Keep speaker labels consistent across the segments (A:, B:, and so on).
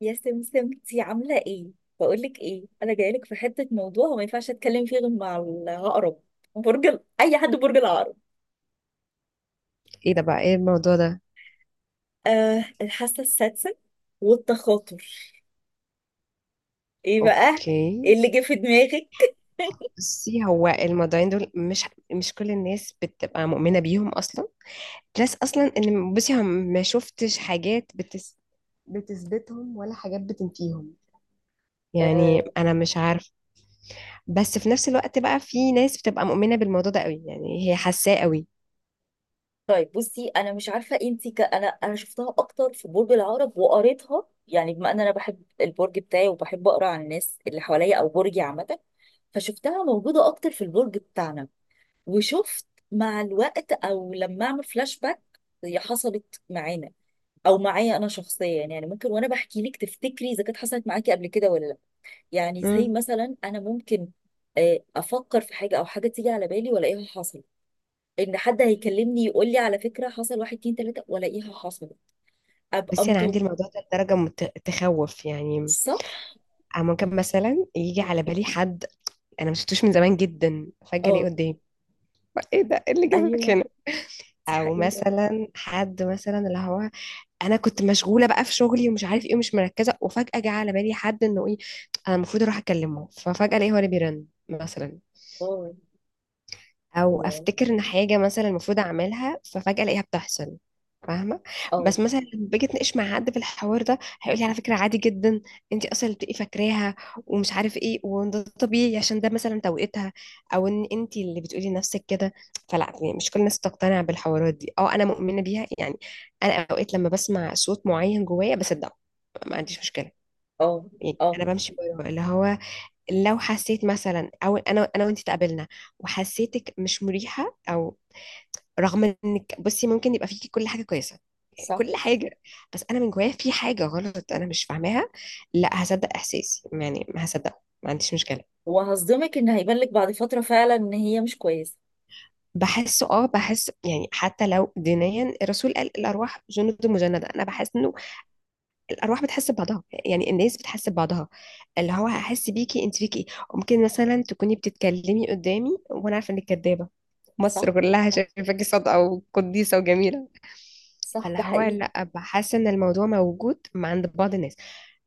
A: يا سمسم، انتي عاملة ايه؟ بقولك ايه؟ انا جايلك في حتة موضوع وما ينفعش اتكلم فيه غير مع العقرب. برج اي حد برج العقرب.
B: ايه ده بقى؟ ايه الموضوع ده؟
A: آه، الحاسة السادسة والتخاطر. ايه بقى؟ ايه
B: اوكي،
A: اللي جه في دماغك؟
B: بصي هو الموضوعين دول مش كل الناس بتبقى مؤمنة بيهم اصلا. بلس اصلا ان بصي هم ما شفتش حاجات بتثبتهم ولا حاجات بتنفيهم، يعني
A: آه.
B: انا مش عارفه. بس في نفس الوقت بقى في ناس بتبقى مؤمنة بالموضوع ده قوي، يعني هي حاساه قوي.
A: طيب، بصي انا مش عارفة انتي انا شفتها اكتر في برج العقرب وقريتها، يعني بما ان انا بحب البرج بتاعي وبحب اقرا عن الناس اللي حواليا او برجي عامة. فشفتها موجودة اكتر في البرج بتاعنا. وشفت مع الوقت، او لما اعمل فلاش باك، هي حصلت معانا او معايا انا شخصيا. يعني ممكن وانا بحكي لك تفتكري اذا كانت حصلت معاكي قبل كده ولا لا. يعني زي
B: امم.
A: مثلا انا ممكن افكر في حاجه، او حاجه تيجي على بالي والاقيها حصلت. ان حد هيكلمني يقول لي على فكره حصل، واحد اتنين تلاته والاقيها حصلت. ابقى
B: بس انا
A: مطب.
B: عندي الموضوع ده لدرجه تخوف يعني.
A: صح.
B: أنا ممكن مثلا يجي على بالي حد انا ما شفتوش من زمان جدا، فجاه الاقيه
A: اه.
B: قدامي. ايه ده؟ إيه اللي
A: ايوه،
B: جابك؟
A: دي
B: او
A: حقيقه.
B: مثلا حد مثلا اللي هو انا كنت مشغوله بقى في شغلي ومش عارف ايه ومش مركزه، وفجاه جه على بالي حد انه ايه، انا المفروض اروح اكلمه، ففجاه الاقيه هو اللي بيرن مثلا.
A: اه.
B: او
A: الله.
B: افتكر ان حاجه مثلا المفروض اعملها ففجاه الاقيها بتحصل. فاهمه؟
A: اه.
B: بس مثلا لما باجي اتناقش مع حد في الحوار ده هيقول لي على فكره عادي جدا، انت اصلا اللي بتبقي فاكراها ومش عارف ايه، وان ده طبيعي عشان ده مثلا توقيتها، او ان انت اللي بتقولي لنفسك كده. فلا يعني مش كل الناس تقتنع بالحوارات دي. اه، انا مؤمنه بيها يعني. انا اوقات لما بسمع صوت معين جوايا بصدقه، ما عنديش مشكله.
A: اه.
B: يعني
A: اه.
B: انا بمشي وراه. اللي هو لو حسيت مثلا، او انا وانت تقابلنا وحسيتك مش مريحه، او رغم انك بصي ممكن يبقى فيكي كل حاجه كويسه، يعني
A: صح.
B: كل حاجه، بس انا من جوايا في حاجه غلط انا مش فاهماها، لا هصدق احساسي يعني، ما هصدقه، ما عنديش مشكله.
A: وهصدمك ان هيبان لك بعد فتره فعلا ان هي مش كويسه.
B: بحسه، اه بحس يعني حتى لو دينيا الرسول قال الارواح جند مجنده، انا بحس انه الارواح بتحس ببعضها، يعني الناس بتحس ببعضها. اللي هو هحس بيكي انت فيكي ايه. ممكن مثلا تكوني بتتكلمي قدامي وانا عارفه انك كدابه،
A: صح،
B: مصر كلها شايفاكي صادقه وقديسه وجميله.
A: صح،
B: فاللي
A: ده
B: هو
A: حقيقي.
B: لا، بحس ان الموضوع موجود مع عند بعض الناس.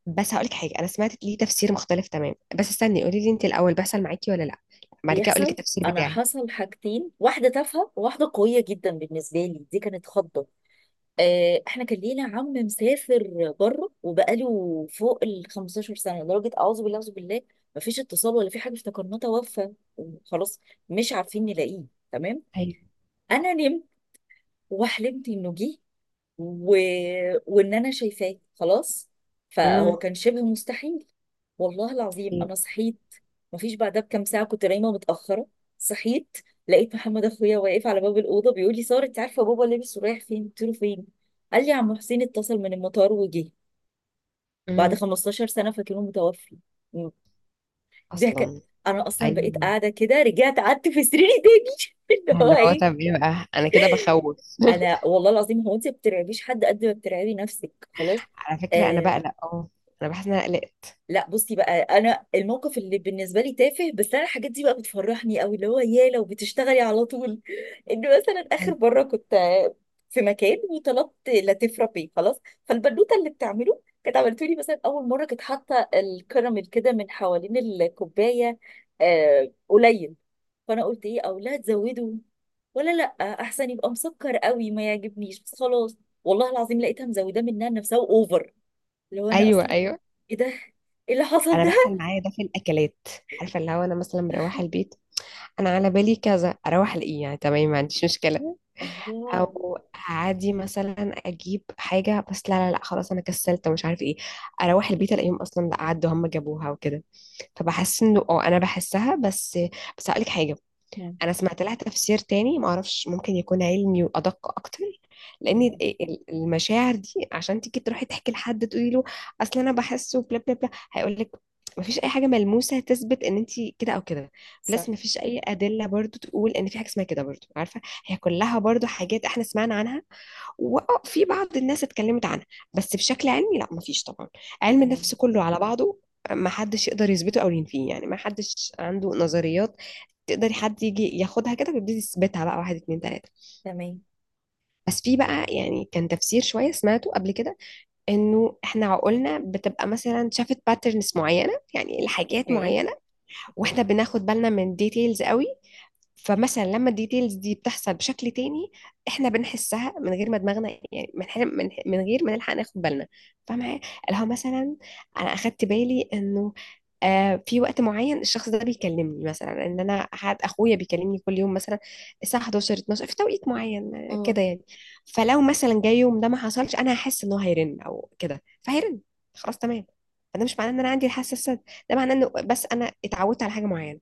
B: بس هقولك حاجه، انا سمعت ليه تفسير مختلف تمام، بس استني قولي لي انت الاول، بيحصل معاكي ولا لا؟ بعد كده اقولك
A: بيحصل.
B: التفسير
A: انا
B: بتاعي.
A: حصل حاجتين، واحده تافهه وواحده قويه جدا. بالنسبه لي دي كانت خضه. احنا كان لينا عم مسافر بره وبقاله فوق ال 15 سنه، لدرجه اعوذ بالله اعوذ بالله. مفيش اتصال ولا في حاجه، افتكرناه توفى وخلاص. مش عارفين نلاقيه. تمام.
B: ايوه.
A: انا نمت وحلمت انه جه و... وان انا شايفاه. خلاص، فهو
B: امم.
A: كان شبه مستحيل. والله العظيم
B: ايوه.
A: انا صحيت. مفيش بعدها بكام ساعه، كنت نايمه متاخره. صحيت لقيت محمد اخويا واقف على باب الاوضه بيقول لي: ساره، انت عارفه بابا لابس ورايح فين؟ قلت له: فين؟ قال لي: عم حسين اتصل من المطار وجه. بعد
B: امم.
A: 15 سنه فاكرينه متوفي. ده كان،
B: اصلا.
A: انا اصلا بقيت
B: ايوه.
A: قاعده كده، رجعت قعدت في سريري تاني. اللي هو
B: اللي هو
A: ايه.
B: طب ايه بقى، انا كده بخوف.
A: انا والله العظيم، هو انت ما بترعبيش حد قد ما بترعبي نفسك. خلاص.
B: على فكرة أنا
A: آه،
B: بقلق، أه. أنا بحس إن أنا قلقت.
A: لا بصي بقى، انا الموقف اللي بالنسبه لي تافه، بس انا الحاجات دي بقى بتفرحني قوي. اللي هو يا لو بتشتغلي على طول. ان مثلا اخر
B: أيوه،
A: مره كنت في مكان وطلبت لاتيه فرابيه. خلاص، فالبنوته اللي بتعمله كانت عملته لي مثلا اول مره كانت حاطه الكراميل كده من حوالين الكوبايه قليل. فانا قلت: ايه، او لا تزودوا ولا لا؟ احسن يبقى مسكر قوي ما يعجبنيش. بس خلاص، والله العظيم لقيتها مزوده منها نفسها اوفر. لو انا
B: أيوه،
A: اصلا،
B: أيوه.
A: ايه ده؟ ايه اللي حصل
B: أنا
A: ده؟
B: بحصل معايا ده في الأكلات. عارفة اللي هو أنا مثلا مروحة البيت، أنا على بالي كذا، أروح ألاقيه، يعني تمام ما عنديش مشكلة.
A: الله.
B: أو عادي مثلا أجيب حاجة، بس لا لا لا، خلاص أنا كسلت ومش عارف إيه، أروح البيت ألاقيهم أصلا لا، عدوا هم جابوها وكده. فبحس إنه أه أنا بحسها. بس بس هقولك حاجة،
A: مم.
B: انا سمعت لها تفسير تاني ما اعرفش، ممكن يكون علمي وادق اكتر. لان
A: ايوه.
B: المشاعر دي عشان تيجي تروحي تحكي لحد تقولي له اصل انا بحس وبلا بلا بلا، هيقول لك ما فيش اي حاجه ملموسه تثبت ان انت كده او كده.
A: صح.
B: بلس ما فيش اي ادله برضو تقول ان في حاجه اسمها كده برضو، عارفه؟ هي كلها برضو حاجات احنا سمعنا عنها، وفي بعض الناس اتكلمت عنها، بس بشكل علمي لا ما فيش طبعا. علم
A: تمام.
B: النفس كله على بعضه ما حدش يقدر يثبته او ينفيه، يعني ما حدش عنده نظريات تقدري حد يجي ياخدها كده ويبتدي يثبتها بقى واحد اتنين تلاته.
A: تمام.
B: بس في بقى يعني كان تفسير شويه سمعته قبل كده، انه احنا عقولنا بتبقى مثلا شافت باترنز معينه، يعني الحاجات
A: اوكي.
B: معينه،
A: اوكي.
B: واحنا بناخد بالنا من ديتيلز قوي، فمثلا لما الديتيلز دي بتحصل بشكل تاني احنا بنحسها من غير ما دماغنا، يعني من غير ما نلحق ناخد بالنا. فاهمة إيه؟ اللي هو مثلا انا اخدت بالي انه آه، في وقت معين الشخص ده بيكلمني، مثلا ان انا حد اخويا بيكلمني كل يوم مثلا الساعه 11 12 في توقيت معين كده
A: امم.
B: يعني. فلو مثلا جاي يوم ده ما حصلش انا هحس انه هيرن او كده، فهيرن، خلاص تمام. فده مش معناه ان انا عندي الحساسه، ده معناه انه بس انا اتعودت على حاجه معينه.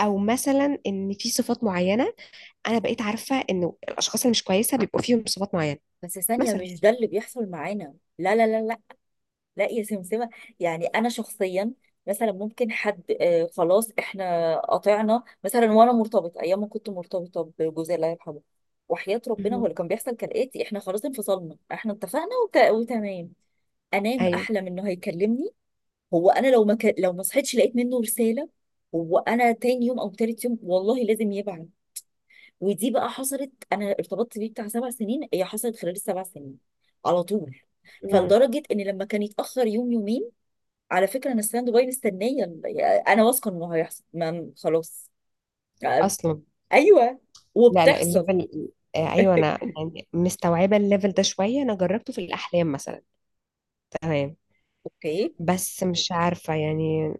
B: او مثلا ان في صفات معينه، انا بقيت عارفه انه الاشخاص اللي مش كويسه بيبقوا فيهم صفات معينه
A: بس ثانية،
B: مثلا.
A: مش ده اللي بيحصل معانا. لا لا لا لا. لا يا سمسمة. يعني أنا شخصيا، مثلا ممكن حد خلاص احنا قطعنا مثلا، وأنا مرتبطة أيام ما كنت مرتبطة بجوزي الله يرحمه. وحياة ربنا هو
B: مهم.
A: اللي كان بيحصل كالآتي: احنا خلاص انفصلنا، احنا اتفقنا وتمام. أنام
B: ايوه.
A: أحلم إنه هيكلمني. هو انا لو ما لو ما صحيتش لقيت منه رساله. هو انا تاني يوم او تالت يوم، والله لازم يبعت. ودي بقى حصلت، انا ارتبطت بيه بتاع 7 سنين، هي حصلت خلال السبع سنين على طول.
B: مم.
A: فلدرجه ان لما كان يتاخر يوم يومين، على فكره انا ستاند باي مستنيه، انا واثقه انه هيحصل. ما خلاص.
B: اصلا.
A: ايوه.
B: لا لا،
A: وبتحصل.
B: الليفل، آه، ايوه انا يعني مستوعبه الليفل ده شويه، انا جربته في الاحلام مثلا. تمام.
A: اوكي.
B: بس مش عارفه يعني،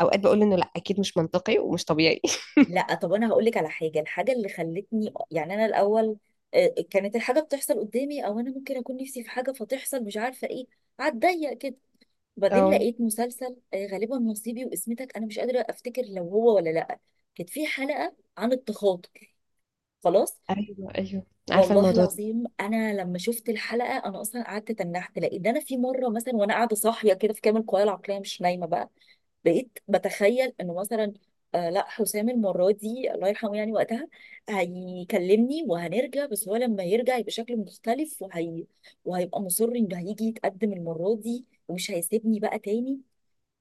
B: اوقات بقول انه لا اكيد مش منطقي ومش طبيعي.
A: لا طب انا هقول لك على حاجه. الحاجه اللي خلتني يعني انا الاول كانت الحاجه بتحصل قدامي، او انا ممكن اكون نفسي في حاجه فتحصل مش عارفه ايه، عالضيق كده. وبعدين
B: اه،
A: لقيت مسلسل غالبا نصيبي واسمتك، انا مش قادره افتكر لو هو ولا لا. كانت في حلقه عن التخاطر. خلاص.
B: ايوه ايوه عارفه
A: والله
B: الموضوع ده.
A: العظيم انا لما شفت الحلقه انا اصلا قعدت تنحت. لقيت ده انا في مره مثلا وانا قاعده صاحيه كده في كامل قوايا العقليه، مش نايمه بقى، بقيت بتخيل انه مثلا لا، حسام المره دي الله يرحمه يعني وقتها هيكلمني وهنرجع، بس هو لما يرجع يبقى شكله مختلف، وهي وهيبقى مصر انه هيجي يتقدم المره دي ومش هيسيبني بقى تاني.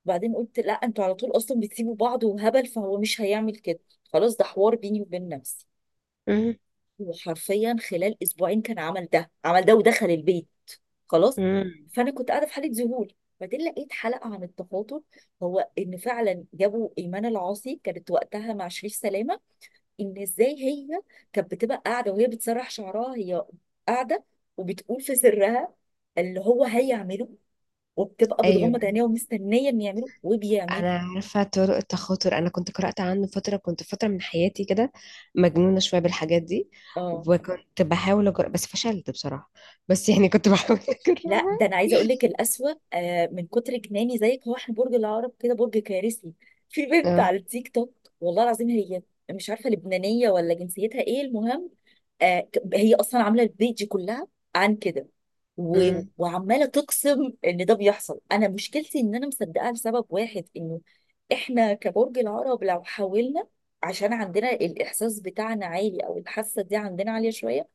A: وبعدين قلت: لا، انتوا على طول اصلا بتسيبوا بعض وهبل، فهو مش هيعمل كده. خلاص، ده حوار بيني وبين نفسي.
B: مم.
A: وحرفيا خلال اسبوعين كان عمل ده، عمل ده، ودخل البيت. خلاص.
B: مم.
A: فانا كنت قاعده في حاله ذهول. بعدين لقيت حلقه عن التخاطب. هو ان فعلا جابوا ايمان العاصي، كانت وقتها مع شريف سلامه، ان ازاي هي كانت بتبقى قاعده وهي بتسرح شعرها، هي قاعده وبتقول في سرها اللي هو هيعمله، وبتبقى
B: ايوه
A: بتغمض عينيها ومستنيه ان يعمله وبيعمله.
B: انا عارفه طرق التخاطر، انا كنت قرات عنه فتره، كنت فتره من حياتي كده مجنونه شويه بالحاجات دي،
A: اه.
B: وكنت بحاول أجرب بس فشلت بصراحه، بس يعني كنت بحاول
A: لا
B: اجربها.
A: ده انا عايزه اقول لك الاسوأ. من كتر جناني زيك، هو احنا برج العقرب كده برج كارثي. في بنت
B: اه.
A: على التيك توك، والله العظيم هي، مش عارفه لبنانيه ولا جنسيتها ايه، المهم هي اصلا عامله البيج كلها عن كده.
B: أمم.
A: وعماله تقسم ان ده بيحصل. انا مشكلتي ان انا مصدقاها لسبب واحد، انه احنا كبرج العقرب لو حاولنا، عشان عندنا الاحساس بتاعنا عالي، او الحاسه دي عندنا عاليه شويه،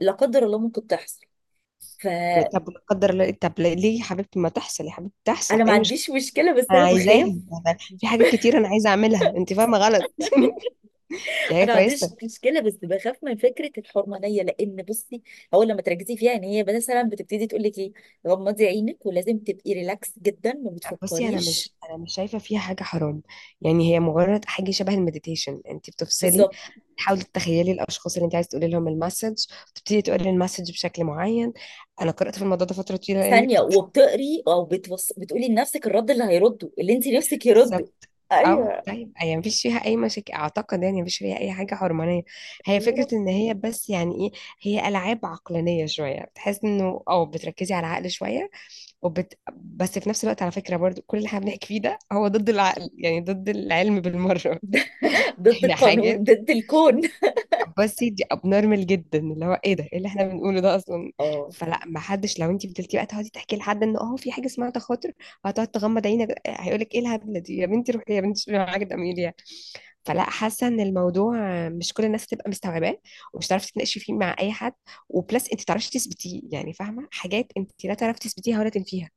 A: لا قدر الله ممكن تحصل. ف...
B: طب لا قدر الله، طب ليه يا حبيبتي ما تحصل، يا حبيبتي تحصل
A: انا ما
B: ايه؟ مش
A: عنديش مشكله، بس
B: انا
A: انا
B: عايزاها؟
A: بخاف.
B: في حاجات كتير انا عايزه اعملها، انت فاهمه غلط. دي حاجه
A: انا ما عنديش
B: كويسه.
A: مشكله، بس بخاف من فكره الحرمانيه. لان بصي، هو لما تركزي فيها ان هي مثلا بتبتدي تقول لك ايه، غمضي عينك ولازم تبقي ريلاكس جدا ما
B: بصي انا
A: بتفكريش.
B: مش، انا مش شايفه فيها حاجه حرام، يعني هي مجرد حاجه شبه المديتيشن، انت بتفصلي،
A: بالظبط.
B: تحاولي تتخيلي الاشخاص اللي انت عايز تقولي لهم المسج، تبتدي تقولي المسج بشكل معين. انا قرات في الموضوع ده فتره طويله لاني
A: ثانيه،
B: كنت،
A: وبتقري او بتقولي لنفسك الرد اللي هيرده، اللي انت نفسك يرده.
B: بالظبط. او
A: ايوه.
B: طيب يعني مفيش فيها اي مشاكل اعتقد، يعني مفيش فيها اي حاجه حرمانيه. هي
A: يا رب.
B: فكره ان هي بس يعني ايه، هي العاب عقلانيه شويه، بتحس انه او بتركزي على العقل شويه، بس في نفس الوقت على فكره برضو كل اللي احنا بنحكي فيه ده هو ضد العقل، يعني ضد العلم بالمره.
A: ضد
B: هي
A: القانون،
B: حاجة،
A: ضد الكون.
B: بصي دي ابنورمال جدا، اللي هو ايه ده، ايه اللي احنا بنقوله ده اصلا.
A: اه.
B: فلا، ما حدش، لو انت فضلتي بقى تقعدي تحكي لحد ان اه في حاجه اسمها تخاطر وهتقعد تغمض عينك، هيقول لك ايه الهبله دي، يا بنتي روحي يا بنتي شوفي معاك ده مين يعني. فلا، حاسه ان الموضوع مش كل الناس تبقى مستوعباه، ومش تعرفي تناقشي فيه مع اي حد، وبلس انت تعرفي تثبتيه، يعني فاهمه حاجات انت لا تعرفي تثبتيها ولا تنفيها،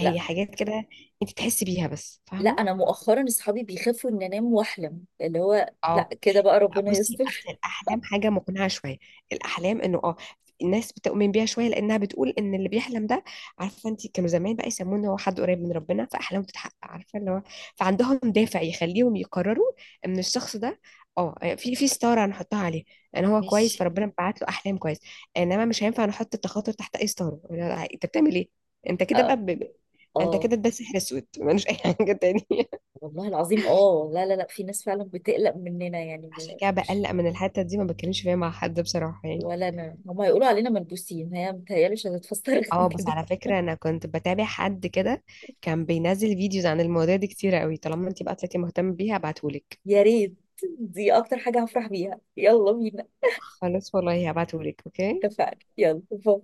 A: لا
B: حاجات كده انت تحسي بيها بس،
A: لا،
B: فاهمه.
A: انا مؤخرا اصحابي بيخافوا ان انام واحلم، اللي هو لا
B: اه.
A: كده بقى
B: لا
A: ربنا
B: بصي اصل
A: يستر.
B: الاحلام حاجه مقنعه شويه، الاحلام انه اه الناس بتؤمن بيها شويه، لانها بتقول ان اللي بيحلم ده، عارفه انت كانوا زمان بقى يسمونه هو حد قريب من ربنا فاحلامه بتتحقق، عارفه اللي هو، فعندهم دافع يخليهم يقرروا ان الشخص ده اه، آه، في ستاره هنحطها عليه ان هو كويس
A: ماشي.
B: فربنا بعت له احلام كويس. انما مش هينفع نحط التخاطر تحت اي ستاره، لا، انت بتعمل ايه، انت كده بقى
A: اه.
B: انت
A: اه.
B: كده ده سحر اسود ملوش اي حاجه تانية.
A: والله العظيم اه، لا لا لا، في ناس فعلا بتقلق مننا، يعني
B: عشان كده بقلق من الحته دي، ما بتكلمش فيها مع حد بصراحه يعني.
A: ولا انا، هما يقولوا علينا ملبوسين، هي متهيألي مش هتتفسر
B: اه، بس
A: كده.
B: على فكرة انا كنت بتابع حد كده كان بينزل فيديوز عن المواضيع دي كتير قوي، طالما انت بقى طلعتي مهتمة بيها هبعتهولك.
A: يا ريت، دي اكتر حاجة هفرح بيها، يلا بينا.
B: خلاص والله هبعتهولك. اوكي،
A: اتفقنا، يلا باي.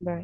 B: باي.